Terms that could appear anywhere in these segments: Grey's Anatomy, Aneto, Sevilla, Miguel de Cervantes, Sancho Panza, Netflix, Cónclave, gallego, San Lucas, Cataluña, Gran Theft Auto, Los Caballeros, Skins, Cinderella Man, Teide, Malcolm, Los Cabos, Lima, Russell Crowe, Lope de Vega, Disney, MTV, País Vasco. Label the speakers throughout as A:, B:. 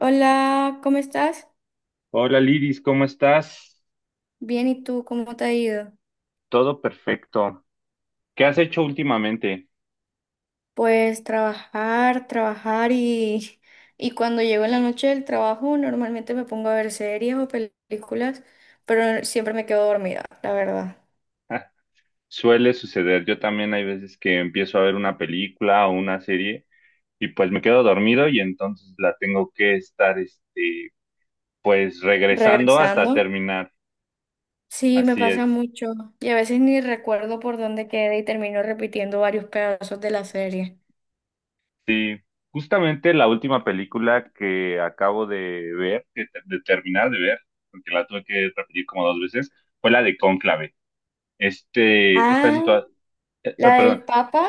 A: Hola, ¿cómo estás?
B: Hola Liris, ¿cómo estás?
A: Bien, ¿y tú cómo te ha ido?
B: Todo perfecto. ¿Qué has hecho últimamente?
A: Pues trabajar, trabajar y, y cuando llego en la noche del trabajo normalmente me pongo a ver series o películas, pero siempre me quedo dormida, la verdad.
B: Ah, suele suceder. Yo también hay veces que empiezo a ver una película o una serie y pues me quedo dormido y entonces la tengo que estar, pues regresando
A: Regresando,
B: hasta terminar.
A: sí, me
B: Así
A: pasa
B: es.
A: mucho y a veces ni recuerdo por dónde quedé y termino repitiendo varios pedazos de la serie.
B: Sí, justamente la última película que acabo de ver, de terminar de ver, porque la tuve que repetir como dos veces, fue la de Cónclave. Esta
A: Ah,
B: situación,
A: la
B: perdón.
A: del Papa.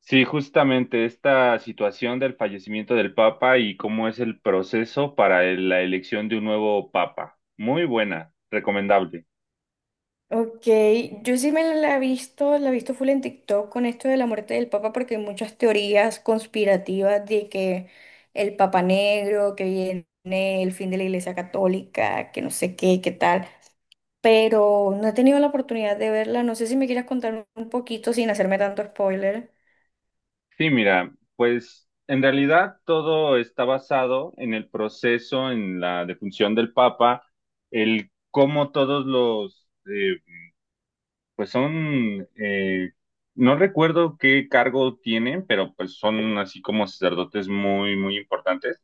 B: Sí, justamente esta situación del fallecimiento del Papa y cómo es el proceso para la elección de un nuevo Papa. Muy buena, recomendable.
A: Ok, yo sí me la he visto full en TikTok con esto de la muerte del Papa porque hay muchas teorías conspirativas de que el Papa negro, que viene el fin de la Iglesia Católica, que no sé qué, qué tal, pero no he tenido la oportunidad de verla, no sé si me quieras contar un poquito sin hacerme tanto spoiler.
B: Sí, mira, pues en realidad todo está basado en el proceso, en la defunción del Papa, el cómo todos los, pues son, no recuerdo qué cargo tienen, pero pues son así como sacerdotes muy, muy importantes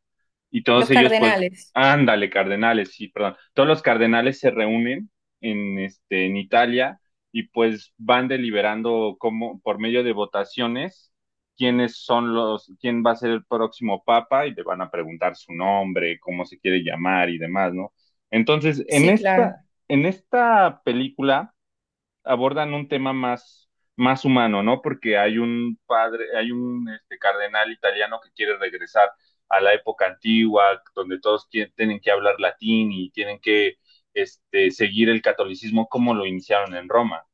B: y todos
A: Los
B: ellos, pues,
A: cardenales,
B: ándale, cardenales, sí, perdón, todos los cardenales se reúnen en Italia y pues van deliberando como por medio de votaciones quiénes son quién va a ser el próximo papa y le van a preguntar su nombre, cómo se quiere llamar y demás, ¿no? Entonces, en
A: sí, claro.
B: esta, en esta película abordan un tema más, más humano, ¿no? Porque hay un padre, hay un cardenal italiano que quiere regresar a la época antigua, donde todos tienen que hablar latín y tienen que seguir el catolicismo como lo iniciaron en Roma.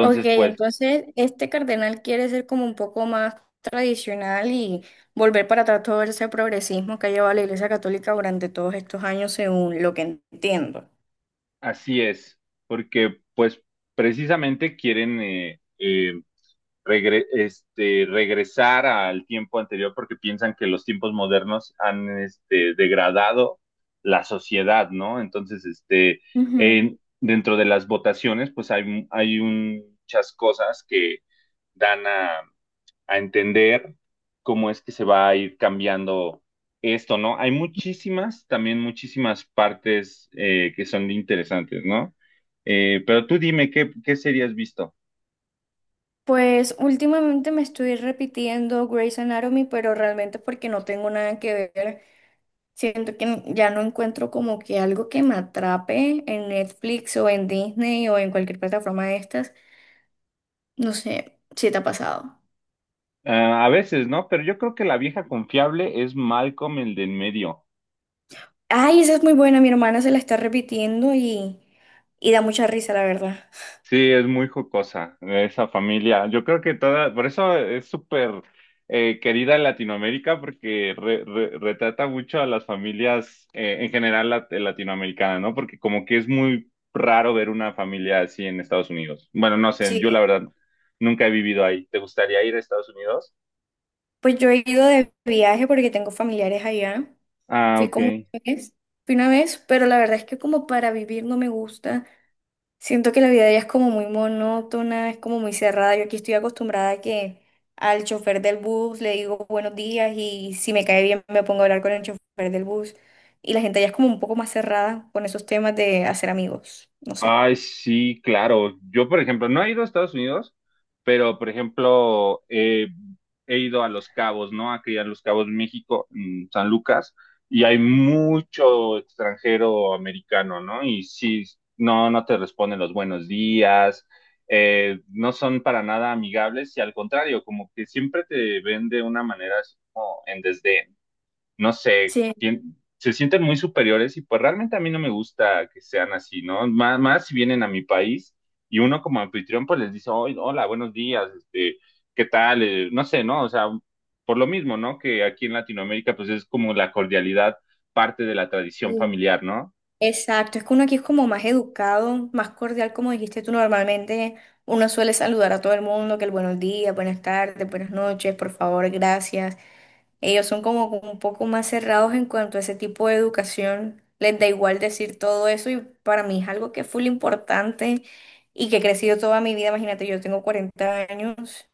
A: Ok,
B: pues
A: entonces este cardenal quiere ser como un poco más tradicional y volver para atrás todo ese progresismo que ha llevado la Iglesia Católica durante todos estos años, según lo que entiendo.
B: así es, porque pues precisamente quieren regresar al tiempo anterior porque piensan que los tiempos modernos han degradado la sociedad, ¿no? Entonces,
A: Ujú.
B: dentro de las votaciones, pues hay muchas cosas que dan a entender cómo es que se va a ir cambiando esto, ¿no? Hay muchísimas, también muchísimas partes que son interesantes, ¿no? Pero tú dime, ¿qué serie has visto?
A: Pues últimamente me estoy repitiendo Grey's Anatomy, pero realmente porque no tengo nada que ver. Siento que ya no encuentro como que algo que me atrape en Netflix o en Disney o en cualquier plataforma de estas. No sé si te ha pasado.
B: Ah, a veces, ¿no? Pero yo creo que la vieja confiable es Malcolm, el del medio.
A: Ay, esa es muy buena, mi hermana se la está repitiendo y da mucha risa, la verdad.
B: Sí, es muy jocosa esa familia. Yo creo que toda, por eso es súper querida en Latinoamérica porque retrata mucho a las familias en general latinoamericanas, ¿no? Porque como que es muy raro ver una familia así en Estados Unidos. Bueno, no sé, yo la
A: Sí,
B: verdad nunca he vivido ahí. ¿Te gustaría ir a Estados Unidos?
A: pues yo he ido de viaje porque tengo familiares allá.
B: Ah,
A: Fui como
B: ok.
A: una vez, fui una vez, pero la verdad es que como para vivir no me gusta. Siento que la vida allá es como muy monótona, es como muy cerrada. Yo aquí estoy acostumbrada a que al chofer del bus le digo buenos días y si me cae bien me pongo a hablar con el chofer del bus. Y la gente allá es como un poco más cerrada con esos temas de hacer amigos, no sé.
B: Ay, sí, claro. Yo, por ejemplo, no he ido a Estados Unidos, pero, por ejemplo, he ido a Los Cabos, ¿no? Aquí a Los Cabos, México, en San Lucas, y hay mucho extranjero americano, ¿no? Y sí, no, no te responden los buenos días, no son para nada amigables, y al contrario, como que siempre te ven de una manera así como en desdén, no sé, se sienten muy superiores y pues realmente a mí no me gusta que sean así, ¿no? Más, más si vienen a mi país y uno como anfitrión pues les dice, "Oy, hola, buenos días, ¿qué tal? No sé, ¿no?" O sea, por lo mismo, ¿no? Que aquí en Latinoamérica pues es como la cordialidad parte de la tradición
A: Sí.
B: familiar, ¿no?
A: Exacto, es que uno aquí es como más educado, más cordial, como dijiste tú normalmente. Uno suele saludar a todo el mundo, que el buenos días, buenas tardes, buenas noches, por favor, gracias. Ellos son como un poco más cerrados en cuanto a ese tipo de educación. Les da igual decir todo eso y para mí es algo que es full importante y que he crecido toda mi vida. Imagínate, yo tengo 40 años,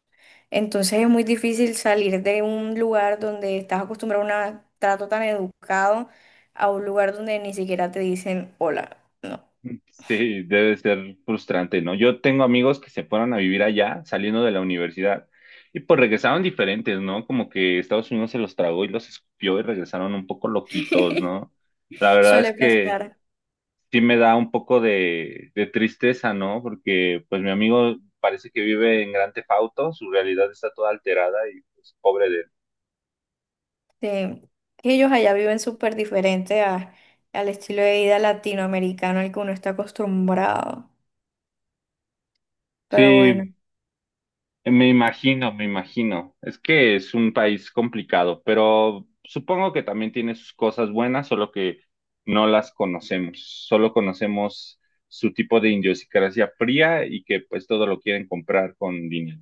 A: entonces es muy difícil salir de un lugar donde estás acostumbrado a un trato tan educado a un lugar donde ni siquiera te dicen hola. No,
B: Sí, debe ser frustrante, ¿no? Yo tengo amigos que se fueron a vivir allá saliendo de la universidad y pues regresaron diferentes, ¿no? Como que Estados Unidos se los tragó y los escupió y regresaron un poco loquitos, ¿no? La verdad es
A: suele
B: que
A: pasar.
B: sí me da un poco de tristeza, ¿no? Porque pues mi amigo parece que vive en Gran Theft Auto, su realidad está toda alterada y pues pobre de él.
A: Sí, que ellos allá viven súper diferente al estilo de vida latinoamericano al que uno está acostumbrado. Pero bueno,
B: Sí, me imagino, me imagino. Es que es un país complicado, pero supongo que también tiene sus cosas buenas, solo que no las conocemos. Solo conocemos su tipo de idiosincrasia fría y que pues todo lo quieren comprar con dinero.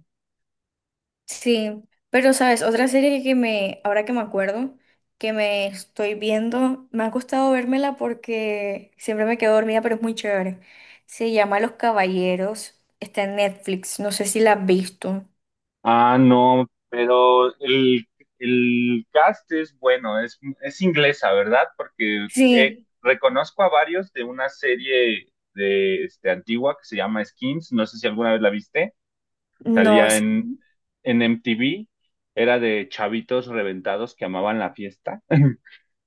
A: sí. Pero, ¿sabes? Otra serie que me, ahora que me acuerdo, que me estoy viendo, me ha costado vérmela porque siempre me quedo dormida, pero es muy chévere. Se llama Los Caballeros, está en Netflix, no sé si la has visto.
B: Ah, no, pero el cast es bueno, es inglesa, ¿verdad? Porque
A: Sí,
B: reconozco a varios de una serie de antigua que se llama Skins, no sé si alguna vez la viste,
A: no,
B: salía
A: es...
B: en MTV, era de chavitos reventados que amaban la fiesta.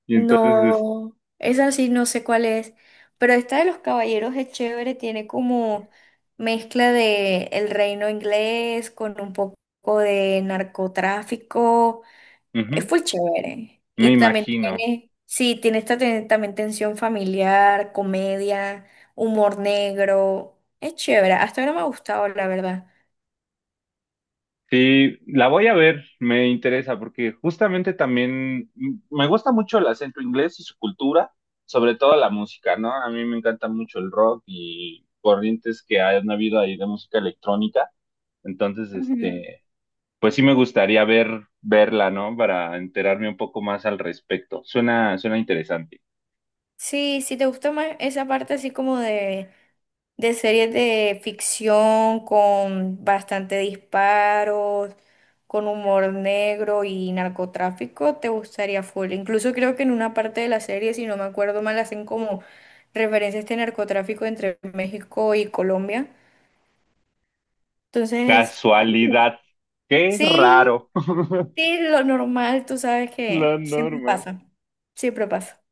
B: Y entonces,
A: No, esa sí no sé cuál es, pero esta de los caballeros es chévere, tiene como mezcla de el reino inglés con un poco de narcotráfico, es
B: ujú,
A: full chévere. Y
B: me
A: también
B: imagino.
A: tiene, sí, tiene esta también tensión familiar, comedia, humor negro, es chévere, hasta ahora me ha gustado, la verdad.
B: Sí, la voy a ver, me interesa, porque justamente también me gusta mucho el acento inglés y su cultura, sobre todo la música, ¿no? A mí me encanta mucho el rock y corrientes que han habido ahí de música electrónica. Entonces,
A: Ujú.
B: pues sí me gustaría verla, ¿no? Para enterarme un poco más al respecto. Suena, suena interesante.
A: Sí, si te gusta más esa parte así como de series de ficción con bastante disparos, con humor negro y narcotráfico, te gustaría full. Incluso creo que en una parte de la serie, si no me acuerdo mal, hacen como referencia a este narcotráfico entre México y Colombia. Entonces, ay,
B: Casualidad. Qué
A: sí,
B: raro.
A: sí, lo normal, tú sabes
B: La
A: que siempre
B: norma.
A: pasa, siempre pasa.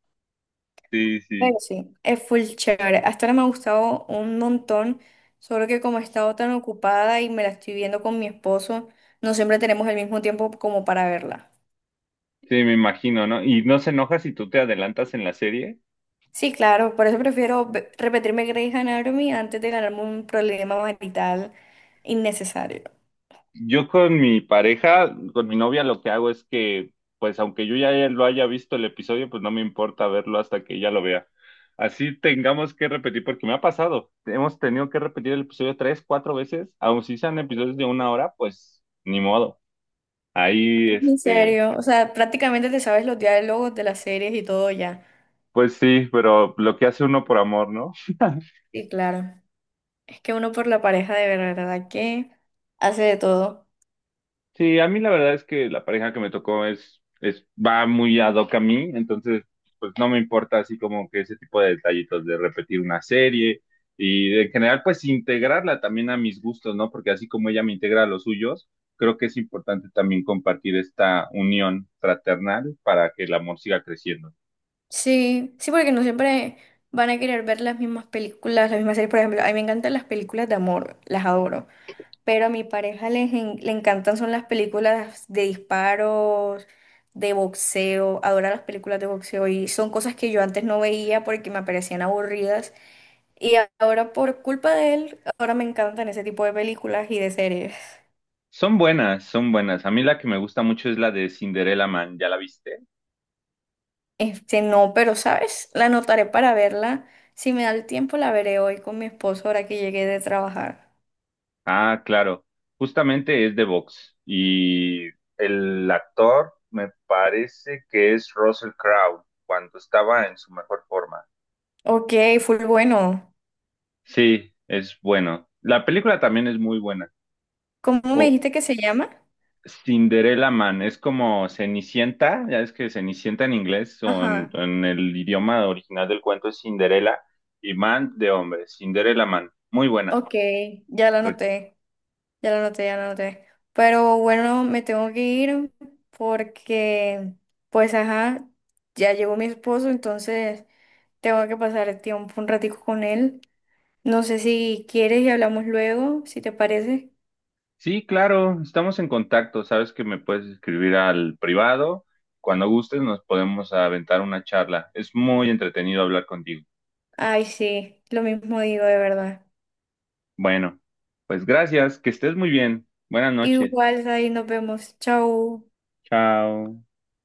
B: Sí,
A: Pero
B: sí.
A: sí, es full chévere. Hasta ahora me ha gustado un montón, solo que como he estado tan ocupada y me la estoy viendo con mi esposo, no siempre tenemos el mismo tiempo como para verla.
B: Sí, me imagino, ¿no? Y no se enoja si tú te adelantas en la serie.
A: Sí, claro, por eso prefiero repetirme Grey's Anatomy antes de ganarme un problema marital innecesario.
B: Yo con mi pareja, con mi novia, lo que hago es que, pues, aunque yo ya lo haya visto el episodio, pues no me importa verlo hasta que ella lo vea. Así tengamos que repetir, porque me ha pasado. Hemos tenido que repetir el episodio tres, cuatro veces, aun si sean episodios de una hora, pues ni modo. Ahí,
A: En serio, o sea, prácticamente te sabes los diálogos de las series y todo ya.
B: pues sí, pero lo que hace uno por amor, ¿no?
A: Sí, claro. Es que uno por la pareja de verdad que hace de todo.
B: Sí, a mí la verdad es que la pareja que me tocó va muy ad hoc a mí, entonces pues no me importa así como que ese tipo de detallitos de repetir una serie y en general pues integrarla también a mis gustos, ¿no? Porque así como ella me integra a los suyos, creo que es importante también compartir esta unión fraternal para que el amor siga creciendo.
A: Sí, sí, porque no siempre van a querer ver las mismas películas, las mismas series. Por ejemplo, a mí me encantan las películas de amor, las adoro. Pero a mi pareja le encantan son las películas de disparos, de boxeo, adora las películas de boxeo y son cosas que yo antes no veía porque me parecían aburridas. Y ahora por culpa de él, ahora me encantan ese tipo de películas y de series.
B: Son buenas, son buenas. A mí la que me gusta mucho es la de Cinderella Man, ¿ya la viste?
A: Este, no, pero sabes, la anotaré para verla. Si me da el tiempo, la veré hoy con mi esposo ahora que llegué de trabajar.
B: Ah, claro. Justamente es de box. Y el actor me parece que es Russell Crowe, cuando estaba en su mejor forma.
A: Ok, full bueno.
B: Sí, es bueno. La película también es muy buena.
A: ¿Cómo me
B: O
A: dijiste que se llama?
B: Cinderella Man, es como Cenicienta, ya es que Cenicienta en inglés, o en,
A: Ajá.
B: en el idioma original del cuento es Cinderella, y Man de hombre, Cinderella Man. Muy buena.
A: Ok, ya la anoté, ya la anoté, ya la anoté. Pero bueno, me tengo que ir porque, pues, ajá, ya llegó mi esposo, entonces tengo que pasar el tiempo un ratico con él. No sé si quieres y hablamos luego, si te parece.
B: Sí, claro, estamos en contacto. Sabes que me puedes escribir al privado. Cuando gustes nos podemos aventar una charla. Es muy entretenido hablar contigo.
A: Ay, sí, lo mismo digo de verdad.
B: Bueno, pues gracias, que estés muy bien. Buenas noches.
A: Igual, ahí nos vemos. Chau.
B: Chao.